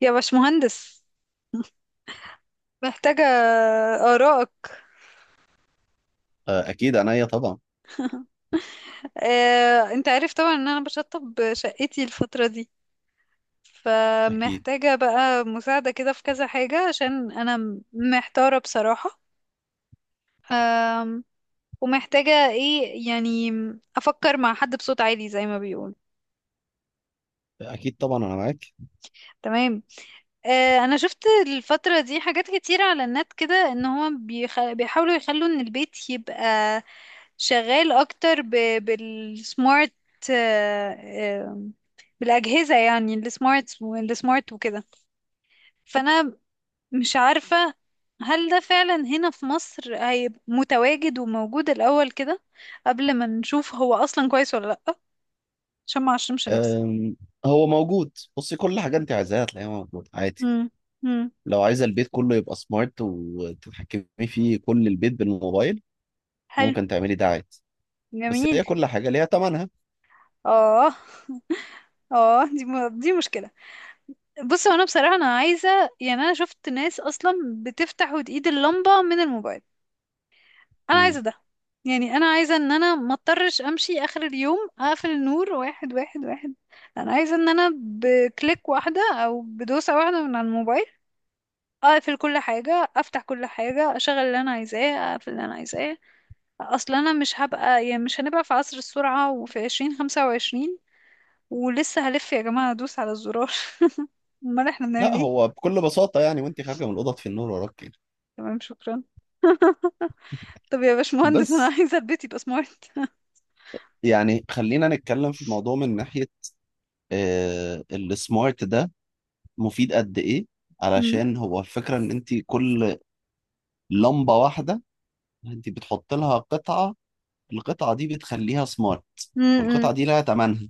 يا باشمهندس، محتاجة آرائك. اكيد عينيا طبعا. انت عارف طبعا ان انا بشطب شقتي الفترة دي، اكيد. فمحتاجة بقى مساعدة كده في كذا حاجة عشان انا محتارة بصراحة. آم، ومحتاجة ايه يعني، افكر مع حد بصوت عالي زي ما بيقول. اكيد طبعا انا معاك. تمام. انا شفت الفترة دي حاجات كتيرة على النت كده ان هو بيحاولوا يخلوا ان البيت يبقى شغال اكتر بالسمارت. آه، آه، بالاجهزة، يعني السمارت والسمارت وكده. فانا مش عارفة هل ده فعلا هنا في مصر هيبقى متواجد وموجود الاول كده، قبل ما نشوف هو اصلا كويس ولا لا، عشان ما اعشمش نفسي. أم، هو موجود. بصي، كل حاجه انت عايزاها هتلاقيها موجود عادي. امم. امم. لو عايزه البيت كله يبقى سمارت وتتحكمي فيه كل البيت بالموبايل، حلو. ممكن تعملي ده عادي. بس جميل. هي كل حاجه ليها ثمنها. اه. اه، دي مشكلة. بص، هو انا بصراحة انا عايزة، يعني انا شفت ناس اصلا بتفتح وتقيد اللمبة من الموبايل. انا عايزة مم. ده. يعني انا عايزة ان انا ما اضطرش امشي اخر اليوم اقفل النور واحد واحد واحد. انا عايزة ان انا بكليك واحدة او بدوسة واحدة من على الموبايل اقفل كل حاجة، افتح كل حاجة، اشغل اللي انا عايزاه، اقفل اللي انا عايزاه. اصلا انا مش هبقى، يعني مش هنبقى في عصر السرعة وفي 2025 ولسه هلف يا جماعة ادوس على الزرار؟ امال احنا بنعمل لا، ايه؟ هو بكل بساطه يعني وانت خارجه من الاوضه في النور وراك كده. تمام، شكرا. طب يا باشمهندس، انا بس عايزة البيت يبقى سمارت. يعني خلينا نتكلم في الموضوع من ناحيه، السمارت ده مفيد قد ايه؟ مم. علشان هو الفكره ان انت كل لمبه واحده انت بتحط لها قطعة، القطعة دي بتخليها سمارت، مم، مم. والقطعة دي لها تمنها.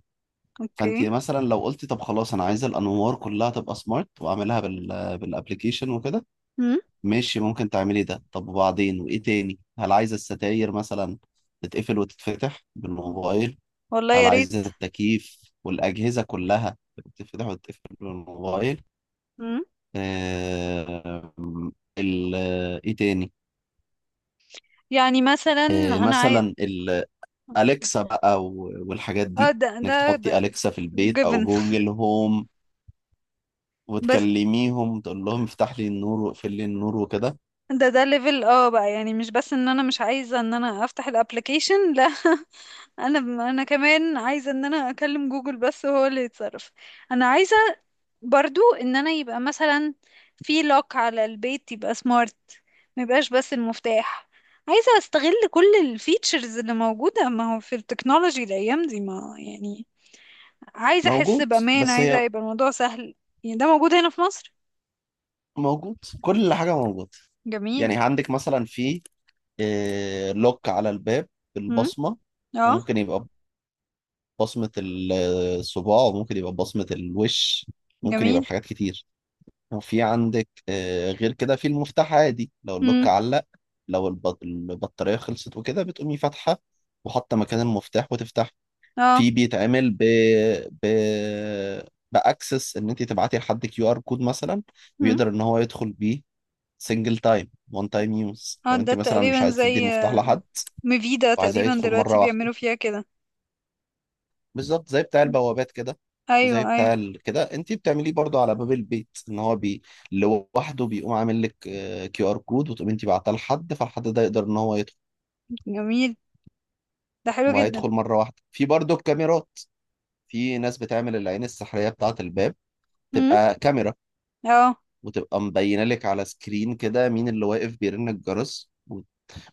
فانت اوكي. مثلا لو قلتي طب خلاص انا عايزة الانوار كلها تبقى سمارت واعملها بالابليكيشن وكده، مم. ماشي ممكن تعملي ده. طب وبعدين، وايه تاني؟ هل عايزة الستاير مثلا تتقفل وتتفتح بالموبايل؟ والله هل يا عايزة ريت. التكييف والأجهزة كلها تتفتح وتتقفل بالموبايل؟ مم. آه... ال... ايه تاني؟ يعني مثلا انا عايز. مثلا أليكسا بقى والحاجات اه، دي، ده إنك ده ده تحطي أليكسا في البيت أو جيفن. جوجل هوم بس وتكلميهم تقول لهم افتح لي النور واقفل لي النور وكده. ده، ده ليفل اه بقى، يعني مش بس ان انا مش عايزه ان انا افتح الابلكيشن، لا. انا، انا كمان عايزه ان انا اكلم جوجل بس هو اللي يتصرف. انا عايزه برضو ان انا يبقى مثلا في لوك على البيت، يبقى سمارت، ما يبقاش بس المفتاح. عايزة استغل كل الفيتشرز اللي موجودة، ما هو في التكنولوجي الايام دي، ما يعني عايزة احس موجود، بامان، بس عايزة هي يبقى الموضوع سهل. يعني ده موجود هنا في مصر؟ موجود، كل حاجة موجود. جميل. يعني عندك مثلا في لوك على الباب امم. بالبصمة، اه. وممكن يبقى بصمة الصباع وممكن يبقى بصمة الوش، ممكن يبقى جميل. بحاجات كتير. في عندك غير كده في المفتاح عادي لو اللوك امم. علق، لو البطارية خلصت وكده بتقومي فاتحة وحاطة مكان المفتاح وتفتح. اه. في بيتعمل ب باكسس ان انت تبعتي لحد كيو ار كود مثلا، امم. ويقدر ان هو يدخل بيه، سنجل تايم وان تايم يوز، اه، لو ده انت مثلا تقريبا مش عايز زي تدي المفتاح لحد ميفيدا، وعايزاه تقريبا يدخل دلوقتي مرة واحدة. بيعملوا فيها كده. بالظبط زي بتاع البوابات كده. ايوه، وزي ايوه. بتاع كده انت بتعمليه برضو على باب البيت ان هو لوحده بيقوم عامل لك كيو ار كود، وتقوم انت بعتها لحد فالحد ده يقدر ان هو يدخل، جميل. ده حلو جدا. وهيدخل مره واحده. في برضو الكاميرات، في ناس بتعمل العين السحريه بتاعه الباب امم. تبقى كاميرا، اه. وتبقى مبينه لك على سكرين كده مين اللي واقف بيرن الجرس،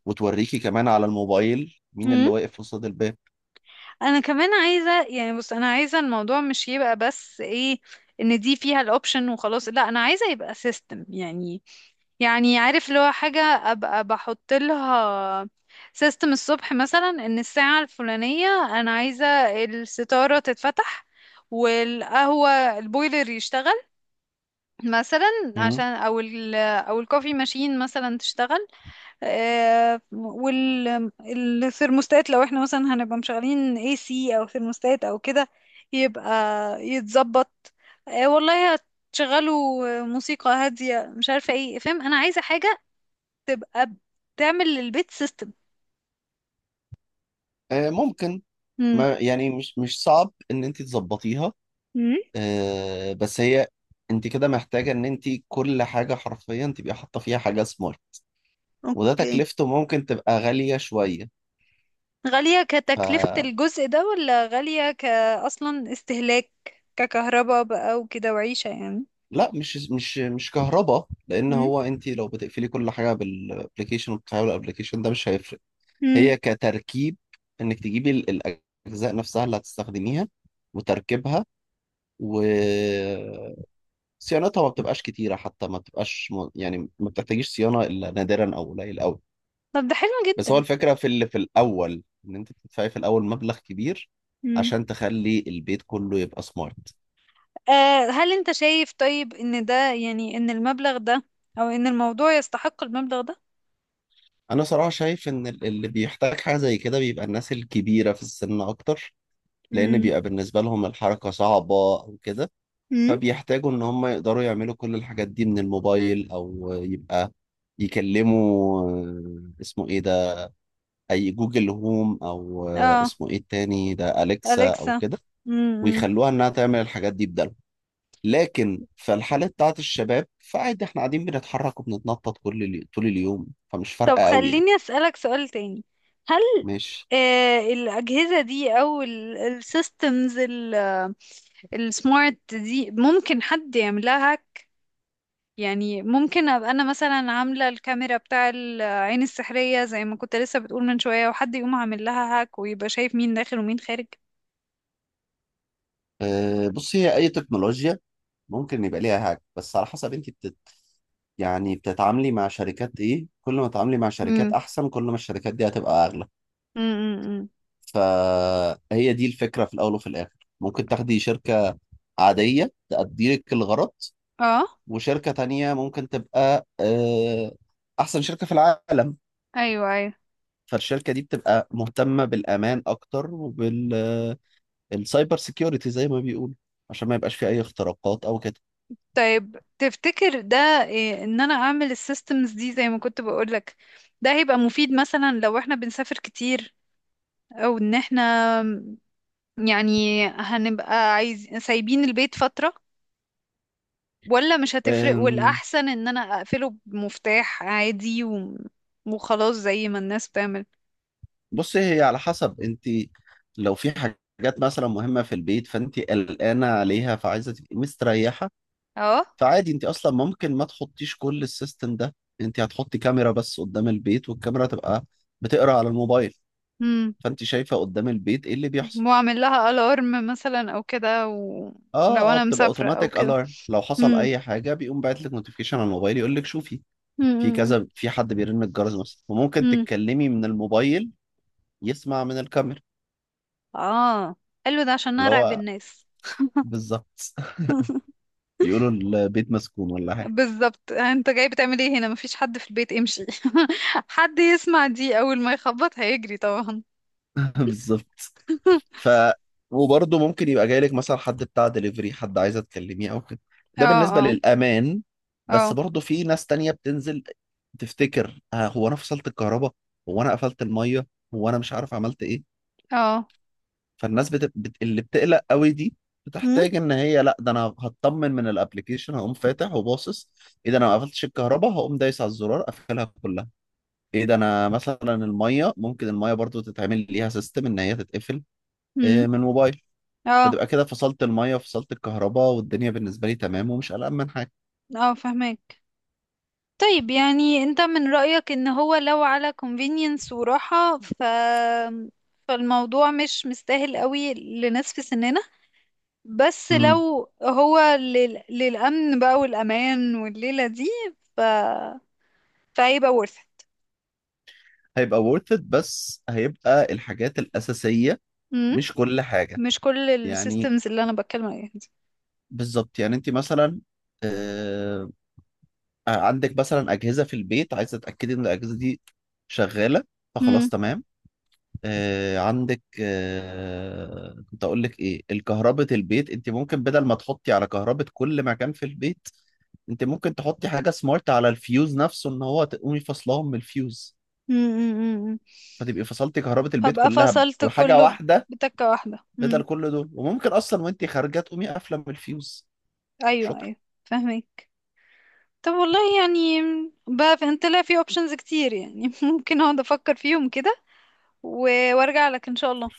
وتوريكي كمان على الموبايل مين اللي واقف قصاد الباب. انا كمان عايزه، يعني بص، انا عايزه الموضوع مش يبقى بس ايه، ان دي فيها الاوبشن وخلاص، لا، انا عايزه يبقى سيستم. يعني يعني عارف اللي هو حاجه ابقى بحط لها سيستم الصبح، مثلا ان الساعه الفلانيه انا عايزه الستاره تتفتح، والقهوه، البويلر يشتغل مثلا، مم. عشان او الكوفي ماشين مثلا تشتغل. والثرموستات لو احنا مثلا هنبقى مشغلين اي سي او ثرموستات او كده، يبقى يتظبط. والله هتشغلوا موسيقى هادية، مش عارفة ايه، فاهم؟ انا عايزة حاجة تبقى بتعمل للبيت سيستم. ممكن، امم. ما يعني مش صعب ان انت تظبطيها. امم. بس هي انت كده محتاجة ان انت كل حاجة حرفيا تبقي حاطة فيها حاجة سمارت، وده اوكي. تكلفته ممكن تبقى غالية شوية. غالية كتكلفة فلا، الجزء ده، ولا غالية كأصلا استهلاك، ككهرباء بقى وكده وعيشة يعني؟ مش كهرباء، لان امم. هو انت لو بتقفلي كل حاجة بالابلكيشن وبتفعلي الابلكيشن ده مش هيفرق. امم. هي كتركيب، انك تجيبي الاجزاء نفسها اللي هتستخدميها وتركيبها و صيانتها ما بتبقاش كتيرة حتى، ما بتبقاش يعني ما بتحتاجيش صيانة إلا نادرا أو قليل أوي. طب ده حلو بس هو جدا. الفكرة في اللي في الأول إن أنت بتدفعي في الأول مبلغ كبير عشان تخلي البيت كله يبقى سمارت. هل انت شايف طيب ان ده، يعني ان المبلغ ده، او ان الموضوع يستحق المبلغ ده؟ أنا صراحة شايف إن اللي بيحتاج حاجة زي كده بيبقى الناس الكبيرة في السن أكتر، لأن امم. بيبقى بالنسبة لهم الحركة صعبة أو كده، امم. فبيحتاجوا إن هم يقدروا يعملوا كل الحاجات دي من الموبايل، أو يبقى يكلموا اسمه إيه ده، أي جوجل هوم أو اه. اسمه إيه التاني ده، أليكسا أو أليكسا. كده، امم. ويخلوها إنها تعمل الحاجات دي. لكن في الحالة بتاعت الشباب فعادي، احنا قاعدين بنتحرك وبنتنطط كل طول اليوم فمش طب فارقة قوي يعني. خليني أسألك سؤال تاني. هل ماشي. آه الأجهزة دي أو السيستمز السمارت دي ممكن حد يعملها هاك؟ يعني ممكن أبقى أنا مثلا عاملة الكاميرا بتاع العين السحرية زي ما كنت لسه بتقول من شوية، وحد يقوم عامل لها هاك ويبقى شايف مين داخل ومين خارج؟ أه، بص، هي أي تكنولوجيا ممكن يبقى ليها هاك، بس على حسب انت يعني بتتعاملي مع شركات ايه، كل ما تتعاملي مع شركات أحسن كل ما الشركات دي هتبقى أغلى. امم. فهي دي الفكرة. في الأول وفي الآخر ممكن تاخدي شركة عادية تأدي لك الغرض، اه. وشركة تانية ممكن تبقى أحسن شركة في العالم، ايوه، ايوه. فالشركة دي بتبقى مهتمة بالأمان أكتر وبالسايبر سيكيورتي زي ما بيقولوا، عشان ما يبقاش في أي اختراقات أو كده. طيب تفتكر ده إيه، ان انا اعمل السيستمز دي زي ما كنت بقولك، ده هيبقى مفيد مثلا لو احنا بنسافر كتير، او ان احنا يعني هنبقى عايز سايبين البيت فترة، ولا مش هتفرق أم، والاحسن ان انا اقفله بمفتاح عادي و... وخلاص زي ما الناس بتعمل؟ بصي، هي على حسب أنت، لو في حاجات مثلا مهمة في البيت فأنت قلقانة عليها فعايزة تبقي مستريحة، اه. فعادي أنت أصلا ممكن ما تحطيش كل السيستم ده. أنت هتحطي كاميرا بس قدام البيت، والكاميرا تبقى بتقرأ على الموبايل، امم. فأنت شايفة قدام البيت إيه اللي بيحصل. واعمل لها الارم مثلا او كده، اه ولو اه، انا بتبقى مسافرة او اوتوماتيك. كده. الارم لو حصل اي حاجه بيقوم باعت لك نوتيفيكيشن على الموبايل يقول لك شوفي، في كذا، في حد بيرن الجرس مثلا، وممكن امم. تتكلمي من الموبايل يسمع من الكاميرا. اه. قال له ده عشان انا اللي ارعب هو الناس. بالظبط. يقولوا البيت مسكون ولا حاجه. بالظبط، انت جاي بتعمل ايه هنا؟ مفيش حد في البيت، امشي. حد يسمع دي اول ما يخبط هيجري طبعا. بالظبط. ف وبرضه ممكن يبقى جاي لك مثلا حد بتاع دليفري، حد عايزه تكلميه او كده. اه، ده بالنسبه اه. للامان. بس اه، برضه في ناس تانية بتنزل تفتكر، آه هو انا فصلت الكهرباء؟ هو انا قفلت الميه؟ هو انا مش عارف عملت ايه؟ اه. فالناس اللي بتقلق قوي دي هم. بتحتاج ان هي، لا ده انا هطمن من الابلكيشن، هقوم فاتح وباصص. ايه ده، انا ما قفلتش الكهرباء؟ هقوم دايس على الزرار اقفلها كلها. ايه ده، انا مثلا الميه، ممكن الميه برضو تتعمل ليها سيستم ان هي تتقفل، هم. من موبايل. اه. فتبقى كده فصلت الميه وفصلت الكهرباء، والدنيا بالنسبه لي تمام ومش قلقان من حاجه. اه، فهمك. طيب يعني انت من رأيك ان هو لو على convenience وراحة، ف، فالموضوع مش مستاهل قوي لناس في سننا، بس امم لو هو للأمن بقى والأمان والليلة دي، ف، فهيبقى worth it. هيبقى worth it، بس هيبقى الحاجات الاساسيه، امم. مش كل حاجه. مش كل يعني السيستمز اللي انا بتكلم عليها دي. بالظبط، يعني انت مثلا آه، عندك مثلا اجهزه في البيت عايزه تتاكدي ان الاجهزه دي شغاله، فخلاص امم. تمام. عندك، كنت اقول لك ايه، الكهرباء البيت انت ممكن بدل ما تحطي على كهرباء كل مكان في البيت، انت ممكن تحطي حاجه سمارت على الفيوز نفسه ان هو تقومي فصلهم من الفيوز، امم. فتبقي فصلتي كهرباء البيت هبقى كلها فصلت بحاجه كله واحده، بتكة واحدة. بدل امم. كل دول. وممكن اصلا وانت خارجه تقومي قافله من الفيوز. ايوه، شكرا. ايوه. فاهمك. طب والله يعني، بقى في، انت لا، في اوبشنز كتير يعني، ممكن اقعد افكر فيهم كده وارجع لك ان شاء الله.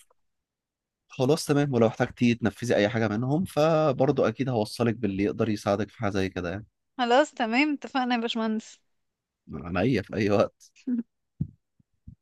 خلاص تمام، ولو احتجتي تنفذي اي حاجه منهم فبرضه اكيد هوصلك باللي يقدر يساعدك في حاجه زي كده يعني. خلاص تمام، اتفقنا يا باشمهندس. من عينيا في اي وقت.